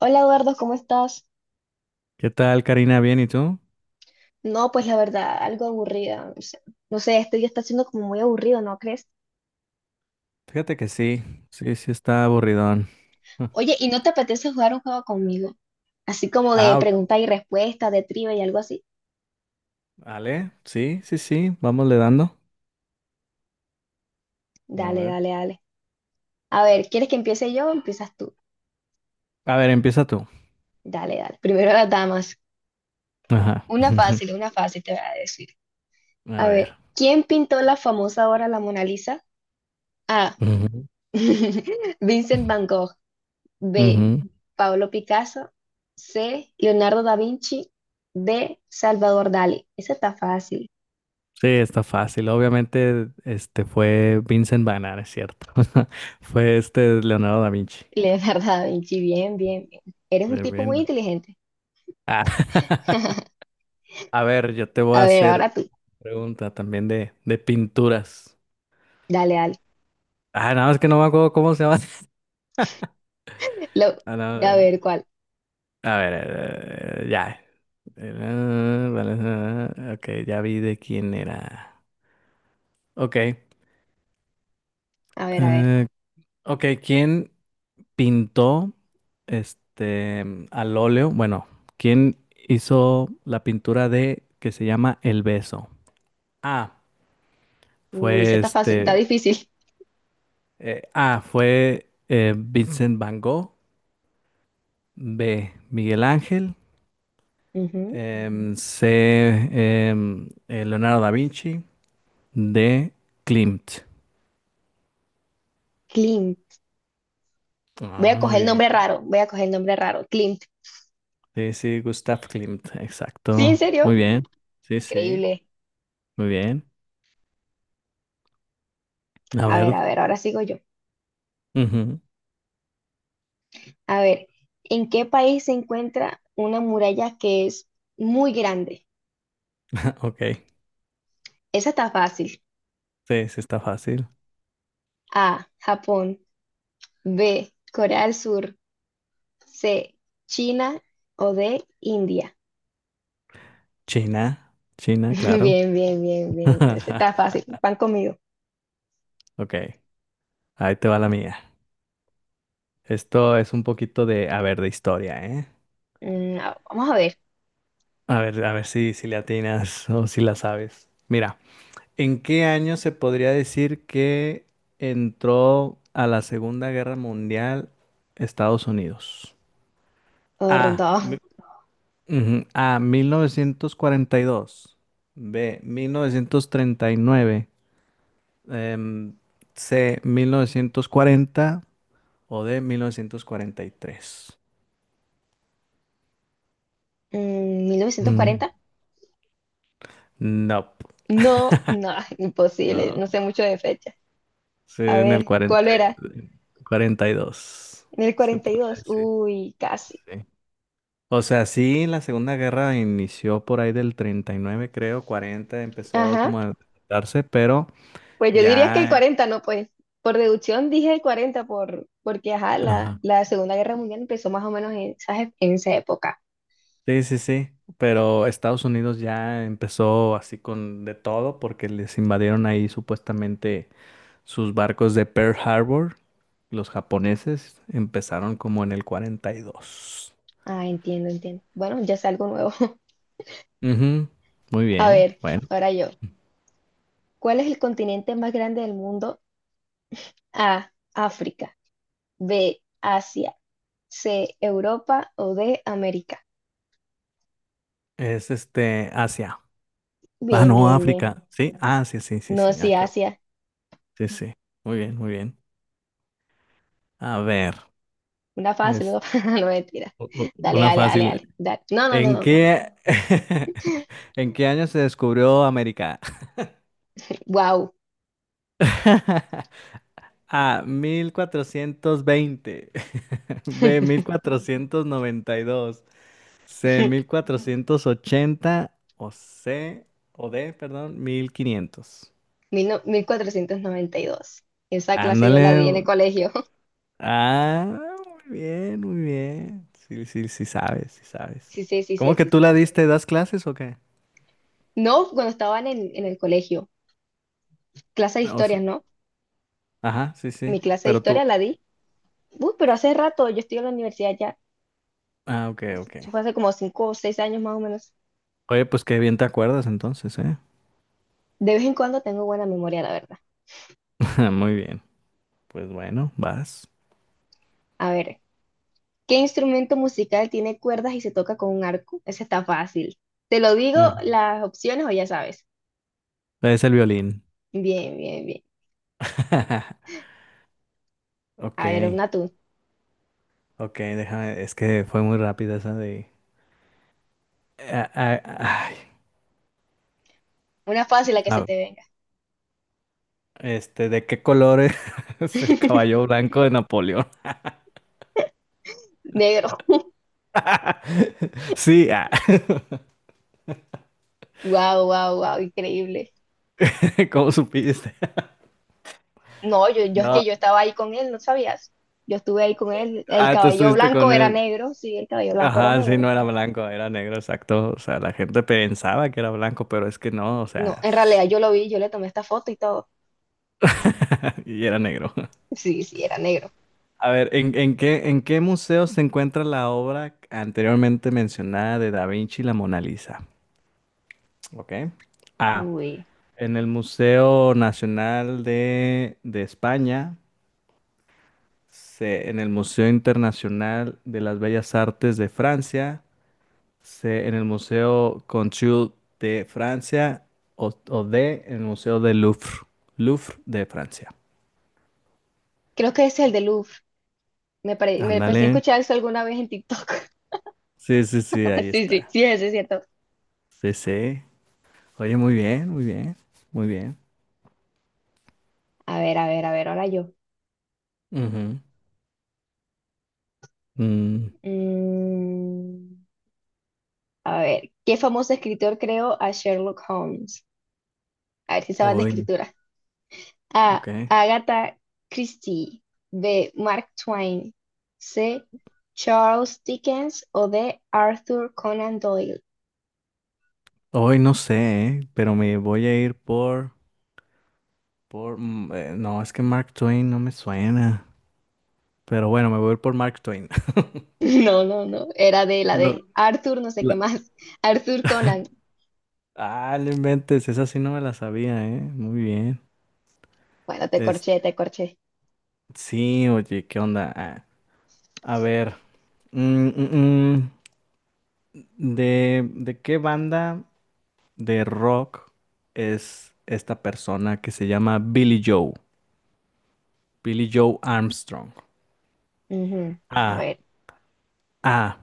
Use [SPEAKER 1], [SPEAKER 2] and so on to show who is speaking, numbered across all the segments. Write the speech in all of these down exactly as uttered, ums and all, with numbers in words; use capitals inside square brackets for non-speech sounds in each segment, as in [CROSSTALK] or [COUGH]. [SPEAKER 1] Hola Eduardo, ¿cómo estás?
[SPEAKER 2] ¿Qué tal, Karina? ¿Bien y tú?
[SPEAKER 1] No, pues la verdad, algo aburrida. O sea, no sé, este día está siendo como muy aburrido, ¿no crees?
[SPEAKER 2] Fíjate que sí, sí, sí está aburridón. [LAUGHS]
[SPEAKER 1] Oye, ¿y no te apetece jugar un juego conmigo? Así como de
[SPEAKER 2] Ah, ok,
[SPEAKER 1] pregunta y respuesta, de trivia y algo así.
[SPEAKER 2] vale, sí, sí, sí, vamos le dando. A
[SPEAKER 1] Dale,
[SPEAKER 2] ver.
[SPEAKER 1] dale, dale. A ver, ¿quieres que empiece yo o empiezas tú?
[SPEAKER 2] A ver, empieza tú.
[SPEAKER 1] Dale, dale. Primero las damas.
[SPEAKER 2] Ajá.
[SPEAKER 1] Una
[SPEAKER 2] [LAUGHS]
[SPEAKER 1] fácil, una fácil te voy a decir.
[SPEAKER 2] A
[SPEAKER 1] A ver,
[SPEAKER 2] ver.
[SPEAKER 1] ¿quién pintó la famosa obra La Mona Lisa? A.
[SPEAKER 2] Ujú.
[SPEAKER 1] [LAUGHS] Vincent Van Gogh. B.
[SPEAKER 2] Ujú.
[SPEAKER 1] Pablo Picasso. C. Leonardo da Vinci. D. Salvador Dalí. Esa está fácil.
[SPEAKER 2] Sí, está fácil. Obviamente, este fue Vincent Van Gogh, es cierto. [LAUGHS] Fue este Leonardo da Vinci.
[SPEAKER 1] [LAUGHS] Leonardo da Vinci, bien, bien, bien. Eres un
[SPEAKER 2] Bien,
[SPEAKER 1] tipo muy
[SPEAKER 2] bien.
[SPEAKER 1] inteligente.
[SPEAKER 2] Ah.
[SPEAKER 1] [LAUGHS]
[SPEAKER 2] [LAUGHS] A ver, yo te voy a
[SPEAKER 1] A ver,
[SPEAKER 2] hacer
[SPEAKER 1] ahora tú.
[SPEAKER 2] pregunta también de, de pinturas.
[SPEAKER 1] Dale, dale.
[SPEAKER 2] Ah, nada más que no me acuerdo cómo se llama. [LAUGHS]
[SPEAKER 1] Lo-
[SPEAKER 2] Ah,
[SPEAKER 1] a
[SPEAKER 2] no,
[SPEAKER 1] ver, ¿cuál?
[SPEAKER 2] a ver, eh, ya. Eh, vale, eh, ok, ya vi de quién era. Ok,
[SPEAKER 1] A ver, a ver.
[SPEAKER 2] eh, ok, ¿quién pintó este al óleo? Bueno, ¿quién hizo la pintura de que se llama El Beso? A.
[SPEAKER 1] Uy, esa
[SPEAKER 2] Fue
[SPEAKER 1] está fácil, está
[SPEAKER 2] este.
[SPEAKER 1] difícil.
[SPEAKER 2] Eh, A. Fue eh, Vincent Van Gogh. B. Miguel Ángel.
[SPEAKER 1] Ujú.
[SPEAKER 2] em, C. em, eh, Leonardo da Vinci. D. Klimt.
[SPEAKER 1] Klimt. Voy a
[SPEAKER 2] Ah, muy
[SPEAKER 1] coger el
[SPEAKER 2] bien.
[SPEAKER 1] nombre raro, voy a coger el nombre raro. Klimt.
[SPEAKER 2] Sí, sí, Gustav Klimt,
[SPEAKER 1] ¿Sí, en
[SPEAKER 2] exacto. Muy
[SPEAKER 1] serio?
[SPEAKER 2] bien. Sí, sí,
[SPEAKER 1] Increíble.
[SPEAKER 2] muy bien. A
[SPEAKER 1] A ver,
[SPEAKER 2] ver.
[SPEAKER 1] a ver, ahora sigo yo.
[SPEAKER 2] Ujú.
[SPEAKER 1] A ver, ¿en qué país se encuentra una muralla que es muy grande?
[SPEAKER 2] [LAUGHS] Ok.
[SPEAKER 1] Esa está fácil.
[SPEAKER 2] Sí, sí, está fácil.
[SPEAKER 1] A, Japón. B, Corea del Sur. C, China. O D, India.
[SPEAKER 2] China,
[SPEAKER 1] [LAUGHS]
[SPEAKER 2] China, claro.
[SPEAKER 1] Bien, bien, bien, bien. Esa está
[SPEAKER 2] [LAUGHS]
[SPEAKER 1] fácil. Van conmigo.
[SPEAKER 2] Ok, ahí te va la mía. Esto es un poquito de, a ver, de historia, ¿eh?
[SPEAKER 1] Mm, a- vamos a ver.
[SPEAKER 2] A ver, a ver si, si le atinas o si la sabes. Mira, ¿en qué año se podría decir que entró a la Segunda Guerra Mundial Estados Unidos? A,
[SPEAKER 1] Perdón.
[SPEAKER 2] mi- ujú. A, mil novecientos cuarenta y dos. B, mil novecientos treinta y nueve. em, C, mil novecientos cuarenta o D, mil novecientos cuarenta y tres.
[SPEAKER 1] Mm,
[SPEAKER 2] Mm,
[SPEAKER 1] mil novecientos cuarenta.
[SPEAKER 2] no,
[SPEAKER 1] No, no, [LAUGHS] imposible.
[SPEAKER 2] no.
[SPEAKER 1] No sé mucho de fecha.
[SPEAKER 2] Sí,
[SPEAKER 1] A
[SPEAKER 2] en el
[SPEAKER 1] ver, ¿cuál
[SPEAKER 2] cuarenta,
[SPEAKER 1] era?
[SPEAKER 2] y- cuarenta y dos,
[SPEAKER 1] El
[SPEAKER 2] se podría
[SPEAKER 1] cuarenta y dos.
[SPEAKER 2] decir,
[SPEAKER 1] Uy, casi.
[SPEAKER 2] sí. O sea, sí, la Segunda Guerra inició por ahí del treinta y nueve, creo, cuarenta empezó
[SPEAKER 1] Ajá.
[SPEAKER 2] como a darse, pero
[SPEAKER 1] Pues yo diría que el
[SPEAKER 2] ya...
[SPEAKER 1] cuarenta, no, pues. Por deducción dije el cuarenta por, porque ajá, la,
[SPEAKER 2] Ajá.
[SPEAKER 1] la Segunda Guerra Mundial empezó más o menos en, esa en esa época.
[SPEAKER 2] Sí, sí, sí, pero Estados Unidos ya empezó así con de todo porque les invadieron ahí supuestamente sus barcos de Pearl Harbor. Los japoneses empezaron como en el cuarenta y dos.
[SPEAKER 1] Ah, entiendo, entiendo. Bueno, ya es algo nuevo. [LAUGHS]
[SPEAKER 2] Ujú, muy
[SPEAKER 1] A
[SPEAKER 2] bien,
[SPEAKER 1] ver,
[SPEAKER 2] bueno.
[SPEAKER 1] ahora yo. ¿Cuál es el continente más grande del mundo? A, África. B, Asia. C, Europa o D, América.
[SPEAKER 2] Es este Asia. Ah,
[SPEAKER 1] Bien,
[SPEAKER 2] no,
[SPEAKER 1] bien, bien.
[SPEAKER 2] África. Sí, ah, sí, sí, sí,
[SPEAKER 1] No,
[SPEAKER 2] sí. Ah,
[SPEAKER 1] sí,
[SPEAKER 2] qué bo-
[SPEAKER 1] Asia.
[SPEAKER 2] sí, sí. Muy bien, muy bien. A ver,
[SPEAKER 1] Una fácil,
[SPEAKER 2] es
[SPEAKER 1] no, [LAUGHS] no mentira.
[SPEAKER 2] u- u-
[SPEAKER 1] Dale,
[SPEAKER 2] una
[SPEAKER 1] dale, dale, dale.
[SPEAKER 2] fácil.
[SPEAKER 1] Dale. No, no, no,
[SPEAKER 2] ¿En
[SPEAKER 1] no, no.
[SPEAKER 2] qué, [LAUGHS] en qué año se descubrió América?
[SPEAKER 1] Wow,
[SPEAKER 2] [LAUGHS] A, mil cuatrocientos veinte. [LAUGHS] B, mil cuatrocientos noventa y dos. C, mil cuatrocientos ochenta. O C, o D, perdón, mil quinientos.
[SPEAKER 1] mil cuatrocientos noventa y dos. Esa clase yo
[SPEAKER 2] Ándale.
[SPEAKER 1] la di en el colegio. [LAUGHS]
[SPEAKER 2] Ah, muy bien, muy bien. Sí, sí, sí sabes, sí sabes.
[SPEAKER 1] Sí, sí, sí, sí,
[SPEAKER 2] ¿Cómo que
[SPEAKER 1] sí,
[SPEAKER 2] tú
[SPEAKER 1] sí.
[SPEAKER 2] la diste? ¿Das clases o qué?
[SPEAKER 1] No, cuando estaban en, en el colegio. Clase de
[SPEAKER 2] O se-
[SPEAKER 1] historia, ¿no?
[SPEAKER 2] ajá, sí, sí.
[SPEAKER 1] Mi clase de
[SPEAKER 2] Pero tú.
[SPEAKER 1] historia la di. Uy, pero hace rato yo estoy en la universidad ya.
[SPEAKER 2] Ah, ok, ok.
[SPEAKER 1] Eso fue hace como cinco o seis años más o menos.
[SPEAKER 2] Oye, pues qué bien te acuerdas entonces, ¿eh?
[SPEAKER 1] De vez en cuando tengo buena memoria, la verdad.
[SPEAKER 2] [LAUGHS] Muy bien. Pues bueno, vas.
[SPEAKER 1] A ver, ¿qué instrumento musical tiene cuerdas y se toca con un arco? Ese está fácil. Te lo digo las opciones o ya sabes.
[SPEAKER 2] Es el violín.
[SPEAKER 1] Bien, bien, bien.
[SPEAKER 2] [LAUGHS] Ok,
[SPEAKER 1] A ver, una tú.
[SPEAKER 2] ok, déjame, es que fue muy rápida esa de... Ah, ah, ay,
[SPEAKER 1] Una fácil la que se
[SPEAKER 2] ah,
[SPEAKER 1] te venga.
[SPEAKER 2] este, ¿de qué color es [LAUGHS] es el caballo
[SPEAKER 1] [LAUGHS]
[SPEAKER 2] blanco de Napoleón?
[SPEAKER 1] Negro.
[SPEAKER 2] [LAUGHS] Sí, ah,
[SPEAKER 1] Wow, wow, wow, increíble.
[SPEAKER 2] [LAUGHS] ¿cómo supiste?
[SPEAKER 1] No, yo, yo es
[SPEAKER 2] No,
[SPEAKER 1] que yo estaba ahí con él, ¿no sabías? Yo estuve ahí con él. El
[SPEAKER 2] ah, tú
[SPEAKER 1] cabello
[SPEAKER 2] estuviste
[SPEAKER 1] blanco
[SPEAKER 2] con
[SPEAKER 1] era
[SPEAKER 2] él.
[SPEAKER 1] negro, sí, el cabello blanco era
[SPEAKER 2] Ajá, sí,
[SPEAKER 1] negro.
[SPEAKER 2] no era blanco, era negro, exacto. O sea, la gente pensaba que era blanco, pero es que no, o
[SPEAKER 1] No,
[SPEAKER 2] sea,
[SPEAKER 1] en realidad yo lo vi, yo le tomé esta foto y todo. [LAUGHS]
[SPEAKER 2] [LAUGHS] y era negro.
[SPEAKER 1] Sí, sí, era negro.
[SPEAKER 2] A ver, ¿en, en qué, en qué museo se encuentra la obra anteriormente mencionada de Da Vinci y la Mona Lisa? ¿Ok? A.
[SPEAKER 1] Uy.
[SPEAKER 2] En el Museo Nacional de, de España. C. En el Museo Internacional de las Bellas Artes de Francia. C. En el Museo Conchul de Francia. O, o D. En el Museo del Louvre. Louvre de Francia.
[SPEAKER 1] Creo que ese es el del Louvre. Me, pare- me
[SPEAKER 2] Ándale.
[SPEAKER 1] parecía escuchar eso alguna vez en TikTok. [LAUGHS]
[SPEAKER 2] Sí, sí, sí, ahí
[SPEAKER 1] Sí, sí,
[SPEAKER 2] está.
[SPEAKER 1] sí, ese es cierto.
[SPEAKER 2] Sí, sí. Oye, muy bien, muy bien, muy bien.
[SPEAKER 1] A ver, a ver, a ver, ahora yo.
[SPEAKER 2] Ujú. Mm,
[SPEAKER 1] Mm, a ver, ¿qué famoso escritor creó a Sherlock Holmes? A ver si sabes de
[SPEAKER 2] Oye,
[SPEAKER 1] escritura. A.
[SPEAKER 2] ok.
[SPEAKER 1] Agatha Christie. B. Mark Twain. C. Charles Dickens o D. Arthur Conan Doyle.
[SPEAKER 2] Hoy no sé, eh, pero me voy a ir por, por, mm, eh, no, es que Mark Twain no me suena. Pero bueno, me voy a ir por Mark Twain. [LAUGHS]
[SPEAKER 1] [LAUGHS] No, no, no. Era de la
[SPEAKER 2] No,
[SPEAKER 1] de Arthur, no sé qué
[SPEAKER 2] la-
[SPEAKER 1] más. [LAUGHS] Arthur Conan.
[SPEAKER 2] ah, no inventes, esa sí no me la sabía, ¿eh? Muy bien.
[SPEAKER 1] Bueno, te
[SPEAKER 2] Es...
[SPEAKER 1] corché, te corché.
[SPEAKER 2] Sí, oye, ¿qué onda? Ah, a ver, mm, mm, mm, ¿De, de qué banda de rock es esta persona que se llama Billy Joe? Billy Joe Armstrong.
[SPEAKER 1] Ujú. A
[SPEAKER 2] A.
[SPEAKER 1] ver.
[SPEAKER 2] A.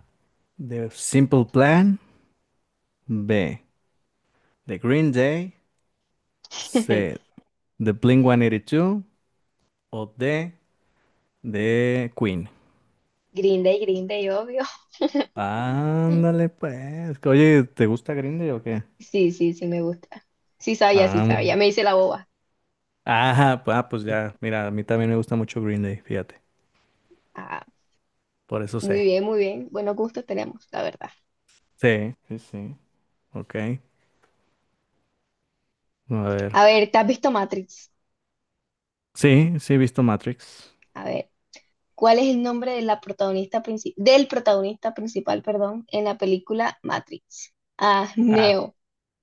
[SPEAKER 2] The Simple Plan. B. The Green Day. C.
[SPEAKER 1] [LAUGHS]
[SPEAKER 2] The Blink ciento ochenta y dos. O D. The Queen.
[SPEAKER 1] Green Day, Green Day, obvio. [LAUGHS]
[SPEAKER 2] Ándale, pues. Oye, ¿te gusta Green Day o qué?
[SPEAKER 1] Sí, sí, sí, me gusta. Sí sabía, sí
[SPEAKER 2] Ah,
[SPEAKER 1] sabía.
[SPEAKER 2] bueno.
[SPEAKER 1] Me hice la boba.
[SPEAKER 2] Ajá, pues, ah, pues ya. Mira, a mí también me gusta mucho Green Day, fíjate.
[SPEAKER 1] Ah,
[SPEAKER 2] Por eso
[SPEAKER 1] muy
[SPEAKER 2] sé.
[SPEAKER 1] bien, muy bien. Buenos gustos tenemos, la verdad.
[SPEAKER 2] Sí, sí, sí. Ok. A ver.
[SPEAKER 1] A ver, ¿te has visto Matrix?
[SPEAKER 2] Sí, sí, he visto Matrix.
[SPEAKER 1] A ver, ¿cuál es el nombre de la protagonista princi- del protagonista principal, perdón, en la película Matrix? A,
[SPEAKER 2] Ah,
[SPEAKER 1] Neo.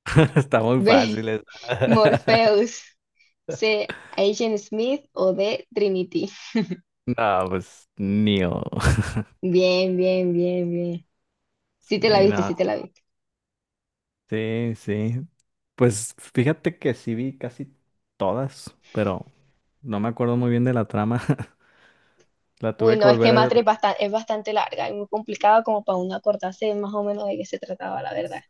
[SPEAKER 2] [LAUGHS] está
[SPEAKER 1] [LAUGHS]
[SPEAKER 2] muy
[SPEAKER 1] B,
[SPEAKER 2] fácil esa.
[SPEAKER 1] Morpheus.
[SPEAKER 2] [LAUGHS]
[SPEAKER 1] C. Agent Smith o D. Trinity.
[SPEAKER 2] No, pues Neo. [LAUGHS]
[SPEAKER 1] Bien, bien, bien, bien. Sí te la
[SPEAKER 2] Sí,
[SPEAKER 1] viste,
[SPEAKER 2] no,
[SPEAKER 1] sí te la viste.
[SPEAKER 2] sí, sí. Pues fíjate que sí vi casi todas, pero no me acuerdo muy bien de la trama. [LAUGHS] La
[SPEAKER 1] Uy,
[SPEAKER 2] tuve que
[SPEAKER 1] no, es que
[SPEAKER 2] volver a ver.
[SPEAKER 1] Matrix es bastante, es bastante larga y muy complicada como para uno acordarse más o menos de qué se trataba, la verdad.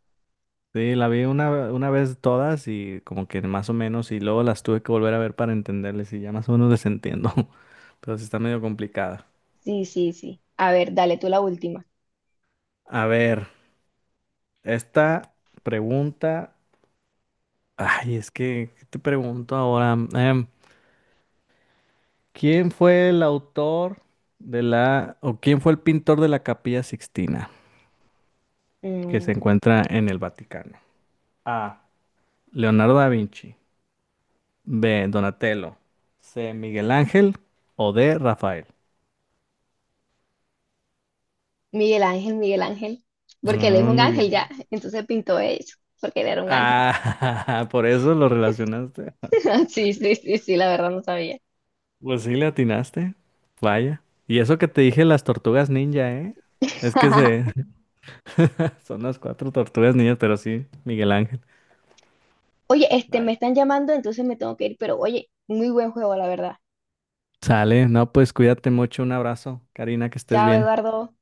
[SPEAKER 2] Sí, la vi una, una vez todas y como que más o menos, y luego las tuve que volver a ver para entenderles y ya más o menos les entiendo. [LAUGHS] Pero sí está medio complicada.
[SPEAKER 1] Sí, sí, sí. A ver, dale tú la última.
[SPEAKER 2] A ver, esta pregunta. Ay, es que, ¿qué te pregunto ahora? Em, ¿Quién fue el autor de la, o quién fue el pintor de la Capilla Sixtina que se
[SPEAKER 1] Mm,
[SPEAKER 2] encuentra en el Vaticano? A. Leonardo da Vinci. B. Donatello. C. Miguel Ángel. O D. Rafael.
[SPEAKER 1] Miguel Ángel, Miguel Ángel, porque él es
[SPEAKER 2] Mm,
[SPEAKER 1] un
[SPEAKER 2] muy
[SPEAKER 1] ángel ya,
[SPEAKER 2] bien.
[SPEAKER 1] entonces pintó eso, porque él era un ángel.
[SPEAKER 2] Ah, [LAUGHS] por eso lo relacionaste.
[SPEAKER 1] [LAUGHS] Sí, sí, sí, sí, la verdad no sabía.
[SPEAKER 2] Pues sí, le atinaste. Vaya. Y eso que te dije las tortugas ninja, ¿eh? Es que se...
[SPEAKER 1] [LAUGHS]
[SPEAKER 2] [LAUGHS] son las cuatro tortugas ninjas, pero sí, Miguel Ángel.
[SPEAKER 1] Oye, este, me están llamando, entonces me tengo que ir, pero oye, muy buen juego, la verdad.
[SPEAKER 2] Sale, no, pues cuídate mucho, un abrazo, Karina, que estés
[SPEAKER 1] Chao,
[SPEAKER 2] bien.
[SPEAKER 1] Eduardo.